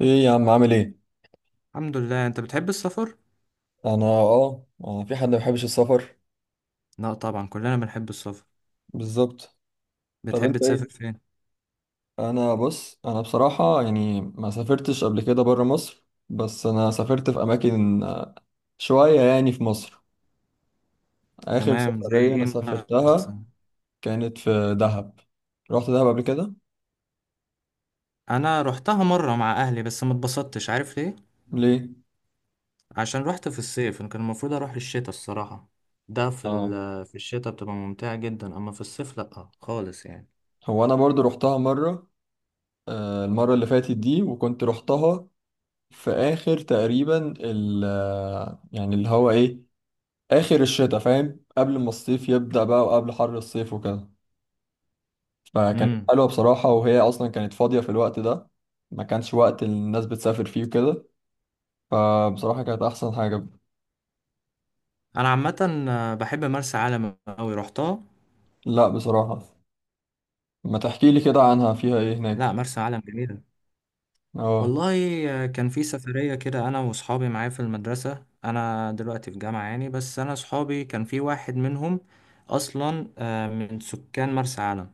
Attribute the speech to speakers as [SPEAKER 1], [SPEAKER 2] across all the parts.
[SPEAKER 1] ايه يا عم، عامل ايه؟
[SPEAKER 2] الحمد لله. انت بتحب السفر؟
[SPEAKER 1] انا، في حد ما بيحبش السفر؟
[SPEAKER 2] لا طبعا، كلنا بنحب السفر.
[SPEAKER 1] بالظبط. طب
[SPEAKER 2] بتحب
[SPEAKER 1] انت
[SPEAKER 2] تسافر
[SPEAKER 1] ايه؟
[SPEAKER 2] فين؟
[SPEAKER 1] بص انا بصراحه يعني ما سافرتش قبل كده بره مصر، بس انا سافرت في اماكن شويه يعني في مصر. اخر
[SPEAKER 2] تمام، زي
[SPEAKER 1] سفريه انا
[SPEAKER 2] ايه؟
[SPEAKER 1] سافرتها
[SPEAKER 2] مثلا.
[SPEAKER 1] كانت في دهب. رحت دهب قبل كده.
[SPEAKER 2] انا رحتها مره مع اهلي، بس ما اتبسطتش. عارف ليه؟
[SPEAKER 1] ليه؟
[SPEAKER 2] عشان رحت في الصيف، كان المفروض اروح الشتاء الصراحه. ده في
[SPEAKER 1] اه.
[SPEAKER 2] في الشتاء بتبقى ممتعه جدا، اما في الصيف لا خالص يعني.
[SPEAKER 1] هو انا برضو رحتها مره. المره اللي فاتت دي وكنت رحتها في اخر تقريبا ال آه، يعني اللي هو ايه، اخر الشتاء، فاهم، قبل ما الصيف يبدأ بقى وقبل حر الصيف وكده. فكانت
[SPEAKER 2] امم.
[SPEAKER 1] حلوة بصراحة، وهي اصلا كانت فاضية في الوقت ده. ما كانش وقت الناس بتسافر فيه وكده، فبصراحة كانت احسن حاجة.
[SPEAKER 2] انا عامه بحب مرسى علم قوي، رحتها.
[SPEAKER 1] لا بصراحة، ما تحكي لي كده عنها، فيها ايه
[SPEAKER 2] لا،
[SPEAKER 1] هناك؟
[SPEAKER 2] مرسى علم جميله.
[SPEAKER 1] اه،
[SPEAKER 2] والله. كان في سفرية كده أنا وصحابي معايا في المدرسة، أنا دلوقتي في جامعة يعني، بس أنا صحابي كان في واحد منهم أصلا من سكان مرسى علم.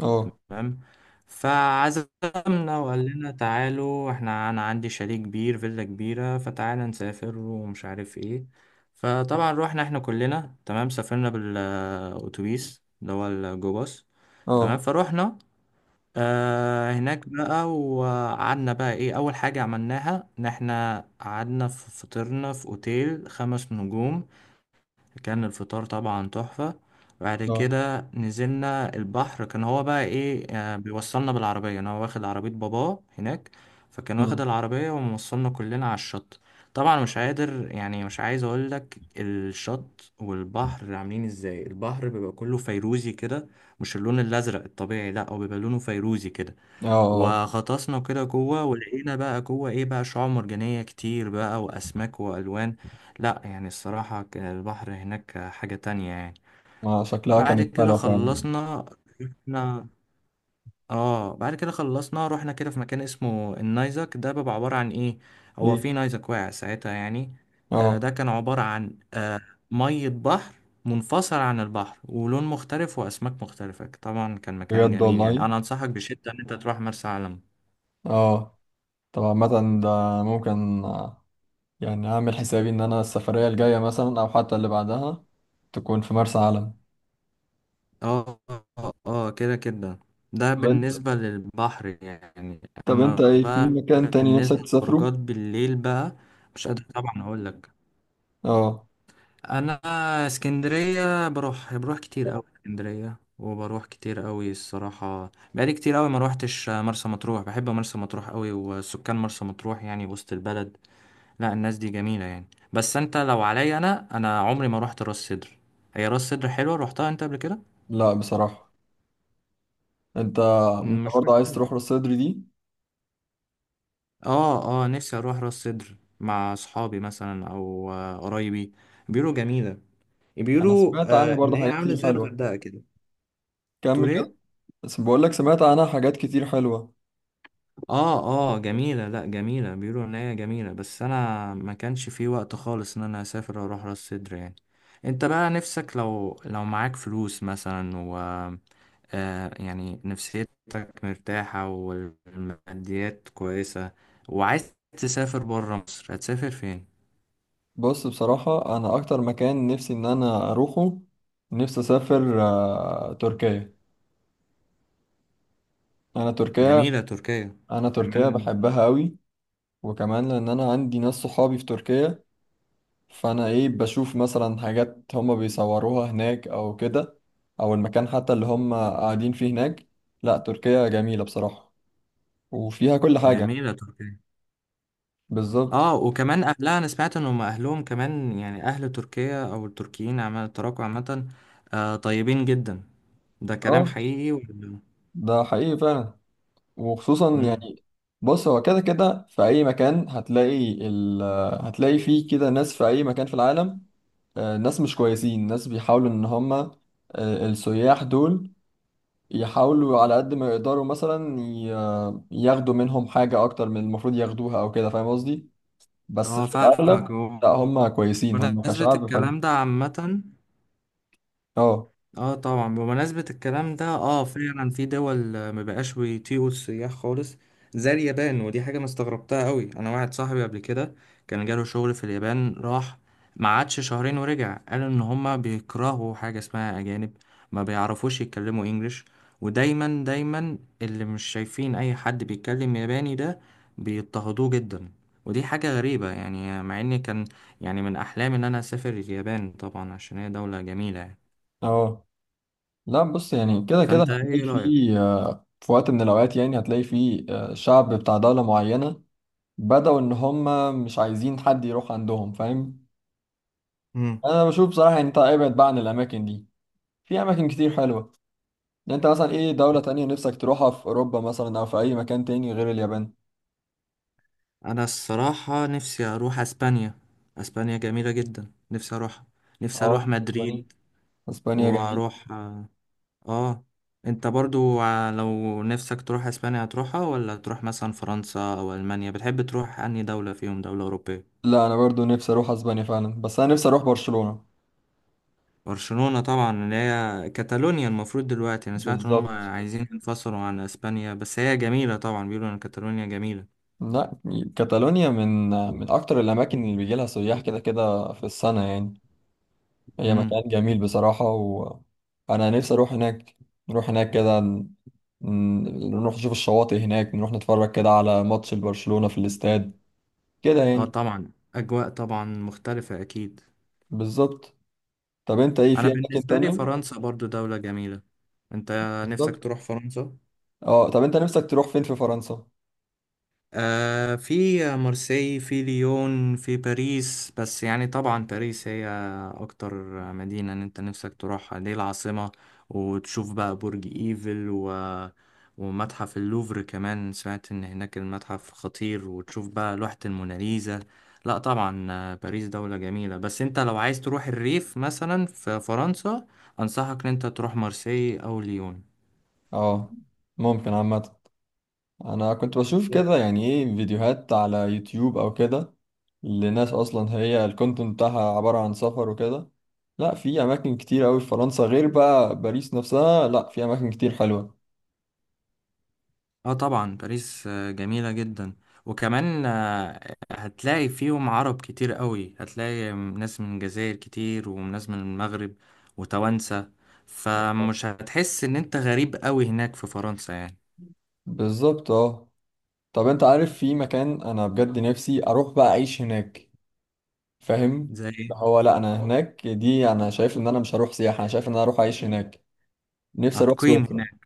[SPEAKER 1] اه،
[SPEAKER 2] تمام. فعزمنا وقال لنا تعالوا، احنا أنا عندي شاليه كبير، فيلا كبيرة، فتعالى نسافر ومش عارف ايه. فطبعا روحنا احنا كلنا. تمام، سافرنا بالأتوبيس اللي هو الجو باص. تمام
[SPEAKER 1] اه،
[SPEAKER 2] فروحنا. هناك بقى، وقعدنا بقى ايه، اول حاجة عملناها ان احنا قعدنا في فطرنا في اوتيل خمس نجوم. كان الفطار طبعا تحفة. بعد
[SPEAKER 1] اه.
[SPEAKER 2] كده نزلنا البحر، كان هو بقى ايه بيوصلنا بالعربية، انا واخد عربية باباه هناك. فكان واخد
[SPEAKER 1] أمم.
[SPEAKER 2] العربية وموصلنا كلنا على الشط. طبعا مش قادر يعني مش عايز اقول لك الشط والبحر عاملين ازاي. البحر بيبقى كله فيروزي كده، مش اللون الازرق الطبيعي، لا هو بيبقى لونه فيروزي كده.
[SPEAKER 1] اه، اه،
[SPEAKER 2] وغطسنا كده جوه، ولقينا بقى جوه ايه بقى شعاب مرجانية كتير بقى، واسماك والوان. لا يعني الصراحة كان البحر هناك حاجة تانية يعني.
[SPEAKER 1] ما شكلها
[SPEAKER 2] بعد
[SPEAKER 1] كانت
[SPEAKER 2] كده
[SPEAKER 1] حلوة فعلا.
[SPEAKER 2] خلصنا. رحنا. كده في مكان اسمه النايزك. ده بيبقى عبارة عن ايه، هو
[SPEAKER 1] ايه؟
[SPEAKER 2] في نايزك واقع ساعتها يعني.
[SPEAKER 1] اه،
[SPEAKER 2] ده كان عبارة عن مية بحر منفصل عن البحر، ولون مختلف، واسماك مختلفة. طبعا كان مكان
[SPEAKER 1] بجد
[SPEAKER 2] جميل يعني،
[SPEAKER 1] والله؟
[SPEAKER 2] انا انصحك بشدة ان انت تروح مرسى علم.
[SPEAKER 1] اه طبعا، مثلا ده ممكن يعني اعمل حسابي ان انا السفرية الجاية مثلا او حتى اللي بعدها تكون في مرسى علم.
[SPEAKER 2] اه. اه كده كده. ده
[SPEAKER 1] طب انت
[SPEAKER 2] بالنسبة للبحر يعني.
[SPEAKER 1] طب انت
[SPEAKER 2] اما
[SPEAKER 1] ايه، في
[SPEAKER 2] بقى
[SPEAKER 1] مكان تاني
[SPEAKER 2] بالنسبة
[SPEAKER 1] نفسك تسافره؟
[SPEAKER 2] للخروجات بالليل بقى، مش قادر طبعا اقول لك.
[SPEAKER 1] اه.
[SPEAKER 2] انا اسكندرية بروح كتير قوي اسكندرية، وبروح كتير قوي الصراحة. بقالي كتير قوي ما روحتش مرسى مطروح. بحب مرسى مطروح قوي، وسكان مرسى مطروح يعني وسط البلد. لا الناس دي جميلة يعني، بس انت لو عليا انا عمري ما روحت راس سدر. هي راس سدر حلوة؟ روحتها انت قبل كده؟
[SPEAKER 1] لا بصراحة. انت انت
[SPEAKER 2] مش
[SPEAKER 1] برضه عايز
[SPEAKER 2] مشكلة.
[SPEAKER 1] تروح راس سدر دي؟
[SPEAKER 2] اه اه، نفسي اروح راس سدر مع اصحابي مثلا، او قرايبي. بيقولوا جميله.
[SPEAKER 1] انا
[SPEAKER 2] بيقولوا
[SPEAKER 1] سمعت عنها
[SPEAKER 2] ان
[SPEAKER 1] برضه
[SPEAKER 2] هي
[SPEAKER 1] حاجات
[SPEAKER 2] عامله
[SPEAKER 1] كتير
[SPEAKER 2] زي
[SPEAKER 1] حلوة.
[SPEAKER 2] الغردقه كده. تقول
[SPEAKER 1] كمل كده.
[SPEAKER 2] ايه؟
[SPEAKER 1] بس بقول لك سمعت عنها حاجات كتير حلوة.
[SPEAKER 2] اه اه جميله، لا جميله، بيقولوا ان هي جميله، بس انا ما كانش في وقت خالص ان انا اسافر واروح راس سدر يعني. انت بقى نفسك، لو معاك فلوس مثلا، و يعني نفسيتك مرتاحه والماديات كويسه، وعايز تسافر بره مصر، هتسافر فين؟
[SPEAKER 1] بص، بصراحة انا اكتر مكان نفسي ان انا اروحه، نفسي اسافر تركيا. انا تركيا
[SPEAKER 2] جميلة تركيا.
[SPEAKER 1] انا تركيا
[SPEAKER 2] وكمان.
[SPEAKER 1] بحبها قوي. وكمان لان انا عندي ناس صحابي في تركيا، فانا ايه بشوف مثلا حاجات هما بيصوروها هناك او كده، او المكان حتى اللي هما قاعدين فيه هناك. لا تركيا جميلة بصراحة، وفيها كل حاجة.
[SPEAKER 2] جميلة تركيا.
[SPEAKER 1] بالظبط.
[SPEAKER 2] اه وكمان اهلها، انا سمعت ان هم اهلهم كمان يعني، اهل تركيا او التركيين عامة، التراكو عامة، طيبين جدا. ده كلام
[SPEAKER 1] اه،
[SPEAKER 2] حقيقي ولا؟
[SPEAKER 1] ده حقيقي فعلا، وخصوصا
[SPEAKER 2] مم.
[SPEAKER 1] يعني، بص هو كده كده في اي مكان هتلاقي هتلاقي فيه كده ناس في اي مكان في العالم. ناس مش كويسين، ناس بيحاولوا ان هما، السياح دول يحاولوا على قد ما يقدروا مثلا ياخدوا منهم حاجة أكتر من المفروض ياخدوها أو كده، فاهم قصدي؟ بس
[SPEAKER 2] اه
[SPEAKER 1] في
[SPEAKER 2] فاهمك
[SPEAKER 1] الأغلب
[SPEAKER 2] و-
[SPEAKER 1] لا هم كويسين، هم
[SPEAKER 2] ونسبة
[SPEAKER 1] كشعب حلو.
[SPEAKER 2] الكلام ده عامة؟
[SPEAKER 1] اه،
[SPEAKER 2] اه طبعا. بمناسبة الكلام ده، اه فعلا في دول مبقاش بيطيقوا السياح خالص، زي اليابان. ودي حاجة انا استغربتها قوي. انا واحد صاحبي قبل كده كان جاله شغل في اليابان، راح ما قعدش شهرين ورجع. قال ان هما بيكرهوا حاجة اسمها اجانب. ما بيعرفوش يتكلموا انجليش. ودايما دايما اللي مش شايفين اي حد بيتكلم ياباني ده بيضطهدوه جدا. ودي حاجة غريبة يعني، مع اني كان يعني من احلامي ان انا اسافر اليابان، طبعا عشان هي دولة جميلة يعني.
[SPEAKER 1] اه. لا، بص يعني كده كده
[SPEAKER 2] فانت
[SPEAKER 1] هتلاقي
[SPEAKER 2] ايه رأيك؟
[SPEAKER 1] فيه في وقت من الأوقات يعني هتلاقي فيه شعب بتاع دولة معينة بدأوا إن هم مش عايزين حد يروح عندهم، فاهم؟
[SPEAKER 2] امم.
[SPEAKER 1] أنا بشوف بصراحة، يعني أنت ابعد بقى عن الأماكن دي، في أماكن كتير حلوة. يعني أنت مثلا إيه دولة تانية نفسك تروحها في أوروبا مثلا أو في أي مكان تاني غير اليابان؟
[SPEAKER 2] انا الصراحة نفسي اروح اسبانيا. اسبانيا جميلة جدا، نفسي اروح. نفسي
[SPEAKER 1] اه
[SPEAKER 2] اروح
[SPEAKER 1] اسبانيا.
[SPEAKER 2] مدريد.
[SPEAKER 1] اسبانيا جميل.
[SPEAKER 2] واروح اه آه. انت برضو لو نفسك تروح اسبانيا هتروحها، ولا تروح مثلا فرنسا او المانيا؟ بتحب تروح انهي دولة فيهم، دولة اوروبية؟
[SPEAKER 1] لا انا برضو نفسي اروح اسبانيا فعلا، بس انا نفسي اروح برشلونة.
[SPEAKER 2] برشلونة طبعا، اللي هي كاتالونيا. المفروض دلوقتي انا سمعت ان هم
[SPEAKER 1] بالظبط.
[SPEAKER 2] عايزين ينفصلوا عن اسبانيا، بس هي جميلة طبعا، بيقولوا ان كاتالونيا جميلة.
[SPEAKER 1] لا كاتالونيا من اكتر الاماكن اللي بيجي لها سياح كده كده في السنة يعني. هي
[SPEAKER 2] امم.
[SPEAKER 1] مكان جميل بصراحة، وانا نفسي اروح هناك، نروح هناك كده، نروح نشوف الشواطئ هناك، نروح نتفرج كده على ماتش البرشلونة في الاستاد كده
[SPEAKER 2] اه
[SPEAKER 1] يعني.
[SPEAKER 2] طبعا اجواء طبعا مختلفة اكيد.
[SPEAKER 1] بالظبط. طب انت ايه،
[SPEAKER 2] انا
[SPEAKER 1] في اماكن
[SPEAKER 2] بالنسبه لي
[SPEAKER 1] تانية؟
[SPEAKER 2] فرنسا برضو دوله جميله. انت نفسك
[SPEAKER 1] بالظبط.
[SPEAKER 2] تروح فرنسا؟
[SPEAKER 1] اه، طب انت نفسك تروح فين في فرنسا؟
[SPEAKER 2] في مارسي، في ليون، في باريس، بس يعني طبعا باريس هي اكتر مدينة ان انت نفسك تروحها، دي العاصمة. وتشوف بقى برج ايفل، و... ومتحف اللوفر كمان. سمعت ان هناك المتحف خطير، وتشوف بقى لوحة الموناليزا. لا طبعا، باريس دولة جميلة، بس انت لو عايز تروح الريف مثلا في فرنسا، انصحك ان انت تروح مارسي او ليون.
[SPEAKER 1] اه ممكن عامة، انا كنت بشوف كده يعني ايه فيديوهات على يوتيوب او كده، لناس اصلا هي الكونتنت بتاعها عبارة عن سفر وكده. لا، في اماكن كتير قوي في فرنسا غير بقى باريس نفسها، لا في اماكن كتير حلوة.
[SPEAKER 2] اه طبعا باريس جميلة جدا. وكمان هتلاقي فيهم عرب كتير قوي، هتلاقي ناس من الجزائر كتير، وناس من المغرب، وتوانسة. فمش هتحس ان انت غريب قوي هناك في فرنسا يعني.
[SPEAKER 1] بالظبط. اه، طب انت عارف في مكان انا بجد نفسي اروح بقى اعيش هناك، فاهم؟
[SPEAKER 2] زي ايه؟
[SPEAKER 1] ده هو، لا انا هناك دي انا شايف ان انا مش هروح سياحة، انا شايف ان انا اروح اعيش هناك. نفسي اروح
[SPEAKER 2] هتقيم
[SPEAKER 1] سويسرا.
[SPEAKER 2] هناك؟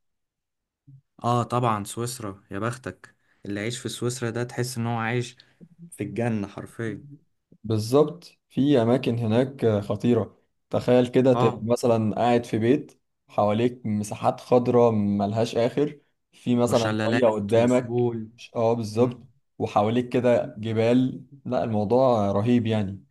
[SPEAKER 2] اه طبعا سويسرا يا بختك، اللي عايش في سويسرا ده تحس ان هو عايش في الجنة حرفيا.
[SPEAKER 1] بالظبط، في أماكن هناك خطيرة. تخيل كده تبقى
[SPEAKER 2] اه،
[SPEAKER 1] مثلا قاعد في بيت، حواليك مساحات خضراء ملهاش آخر، في مثلا مية
[SPEAKER 2] وشلالات
[SPEAKER 1] قدامك.
[SPEAKER 2] وسهول.
[SPEAKER 1] اه بالظبط.
[SPEAKER 2] مم.
[SPEAKER 1] وحواليك كده جبال، لا الموضوع رهيب يعني.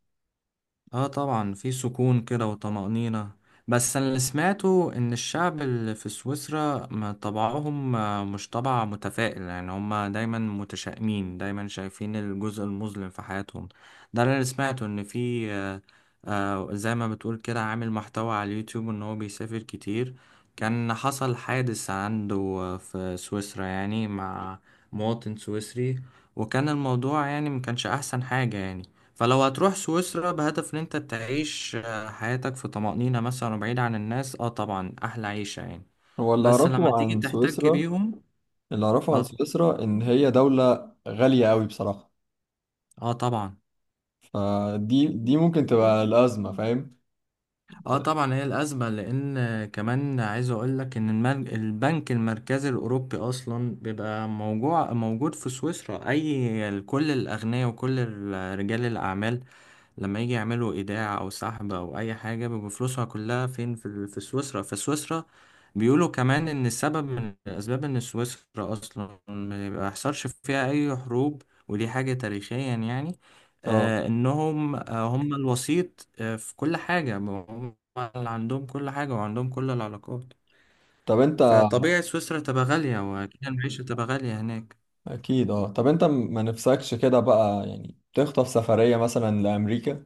[SPEAKER 2] اه طبعا في سكون كده وطمأنينة. بس انا اللي سمعته ان الشعب اللي في سويسرا ما طبعهم مش طبع متفائل يعني. هم دايما متشائمين، دايما شايفين الجزء المظلم في حياتهم. ده اللي أنا سمعته ان في زي ما بتقول كده عامل محتوى على اليوتيوب ان هو بيسافر كتير، كان حصل حادث عنده في سويسرا، يعني مع مواطن سويسري، وكان الموضوع يعني ما كانش احسن حاجة يعني. فلو هتروح سويسرا بهدف ان انت تعيش حياتك في طمأنينة مثلا، وبعيد عن الناس، اه طبعا احلى عيشة يعني،
[SPEAKER 1] هو اللي
[SPEAKER 2] بس لما
[SPEAKER 1] أعرفه
[SPEAKER 2] تيجي
[SPEAKER 1] عن
[SPEAKER 2] تحتك
[SPEAKER 1] سويسرا
[SPEAKER 2] بيهم.
[SPEAKER 1] اللي أعرفه
[SPEAKER 2] اه
[SPEAKER 1] عن
[SPEAKER 2] ط-
[SPEAKER 1] سويسرا إن هي دولة غالية أوي بصراحة.
[SPEAKER 2] اه طبعا.
[SPEAKER 1] فدي ممكن تبقى الأزمة، فاهم؟
[SPEAKER 2] اه طبعا هي الازمة، لان كمان عايز اقول لك ان البنك المركزي الاوروبي اصلا بيبقى موجود في سويسرا. اي كل الاغنياء وكل رجال الاعمال لما يجي يعملوا ايداع او سحب او اي حاجه، بيبقى فلوسها كلها فين، في في سويسرا. فسويسرا بيقولوا كمان ان السبب من الاسباب ان سويسرا اصلا ما بيحصلش فيها اي حروب، ودي حاجه تاريخيا يعني.
[SPEAKER 1] اه.
[SPEAKER 2] انهم هم الوسيط في كل حاجه، هم اللي عندهم كل حاجه، وعندهم كل العلاقات.
[SPEAKER 1] طب أنت.
[SPEAKER 2] فطبيعي سويسرا تبقى غاليه، واكيد المعيشه تبقى غاليه هناك.
[SPEAKER 1] اكيد. اه، طب انت ما نفسكش كده بقى يعني تخطف سفرية مثلا لامريكا؟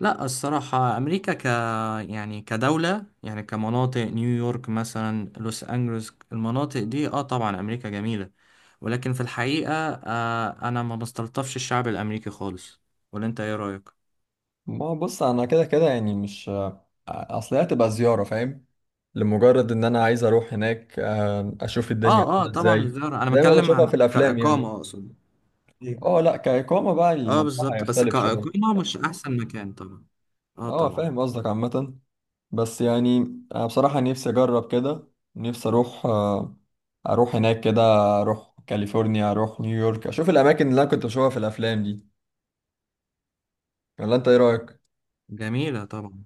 [SPEAKER 2] لا الصراحة أمريكا يعني كدولة، يعني كمناطق، نيويورك مثلا، لوس أنجلوس، المناطق دي اه طبعا أمريكا جميلة. ولكن في الحقيقة أنا ما بستلطفش الشعب الأمريكي خالص. ولا أنت إيه رأيك؟
[SPEAKER 1] ما هو بص انا كده كده يعني مش، اصل هي هتبقى زيارة، فاهم؟ لمجرد ان انا عايز اروح هناك، اشوف الدنيا
[SPEAKER 2] اه اه
[SPEAKER 1] عاملة
[SPEAKER 2] طبعا
[SPEAKER 1] ازاي،
[SPEAKER 2] الزيارة، أنا
[SPEAKER 1] زي ما
[SPEAKER 2] بتكلم
[SPEAKER 1] بشوفها في
[SPEAKER 2] عن
[SPEAKER 1] الافلام يعني.
[SPEAKER 2] كإقامة أقصد. إيه.
[SPEAKER 1] اه لا، كإقامة بقى
[SPEAKER 2] اه
[SPEAKER 1] الموضوع
[SPEAKER 2] بالظبط، بس
[SPEAKER 1] هيختلف شوية.
[SPEAKER 2] كإقامة مش أحسن مكان طبعا. اه
[SPEAKER 1] اه
[SPEAKER 2] طبعا.
[SPEAKER 1] فاهم قصدك عامة، بس يعني انا بصراحة نفسي اجرب كده. نفسي اروح هناك كده، اروح كاليفورنيا، اروح نيويورك، اشوف الاماكن اللي انا كنت بشوفها في الافلام دي، ولا انت ايه رأيك؟
[SPEAKER 2] جميلة طبعا.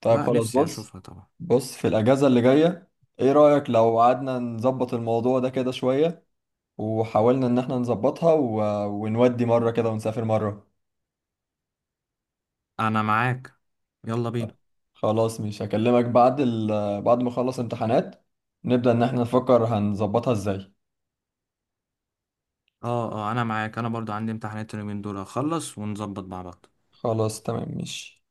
[SPEAKER 1] طيب
[SPEAKER 2] لا
[SPEAKER 1] خلاص.
[SPEAKER 2] نفسي
[SPEAKER 1] بص
[SPEAKER 2] أشوفها طبعا.
[SPEAKER 1] بص في الأجازة اللي جاية، ايه رأيك لو قعدنا نظبط الموضوع ده كده شوية، وحاولنا ان احنا نظبطها، ونودي مرة كده ونسافر مرة.
[SPEAKER 2] أنا معاك. يلا بينا.
[SPEAKER 1] خلاص مش هكلمك بعد بعد ما اخلص امتحانات، نبدأ ان احنا نفكر هنظبطها ازاي.
[SPEAKER 2] اه اه انا معاك، انا برضو عندي امتحانات اليومين دول، اخلص ونظبط مع بعض.
[SPEAKER 1] خلاص، تمام، ماشي.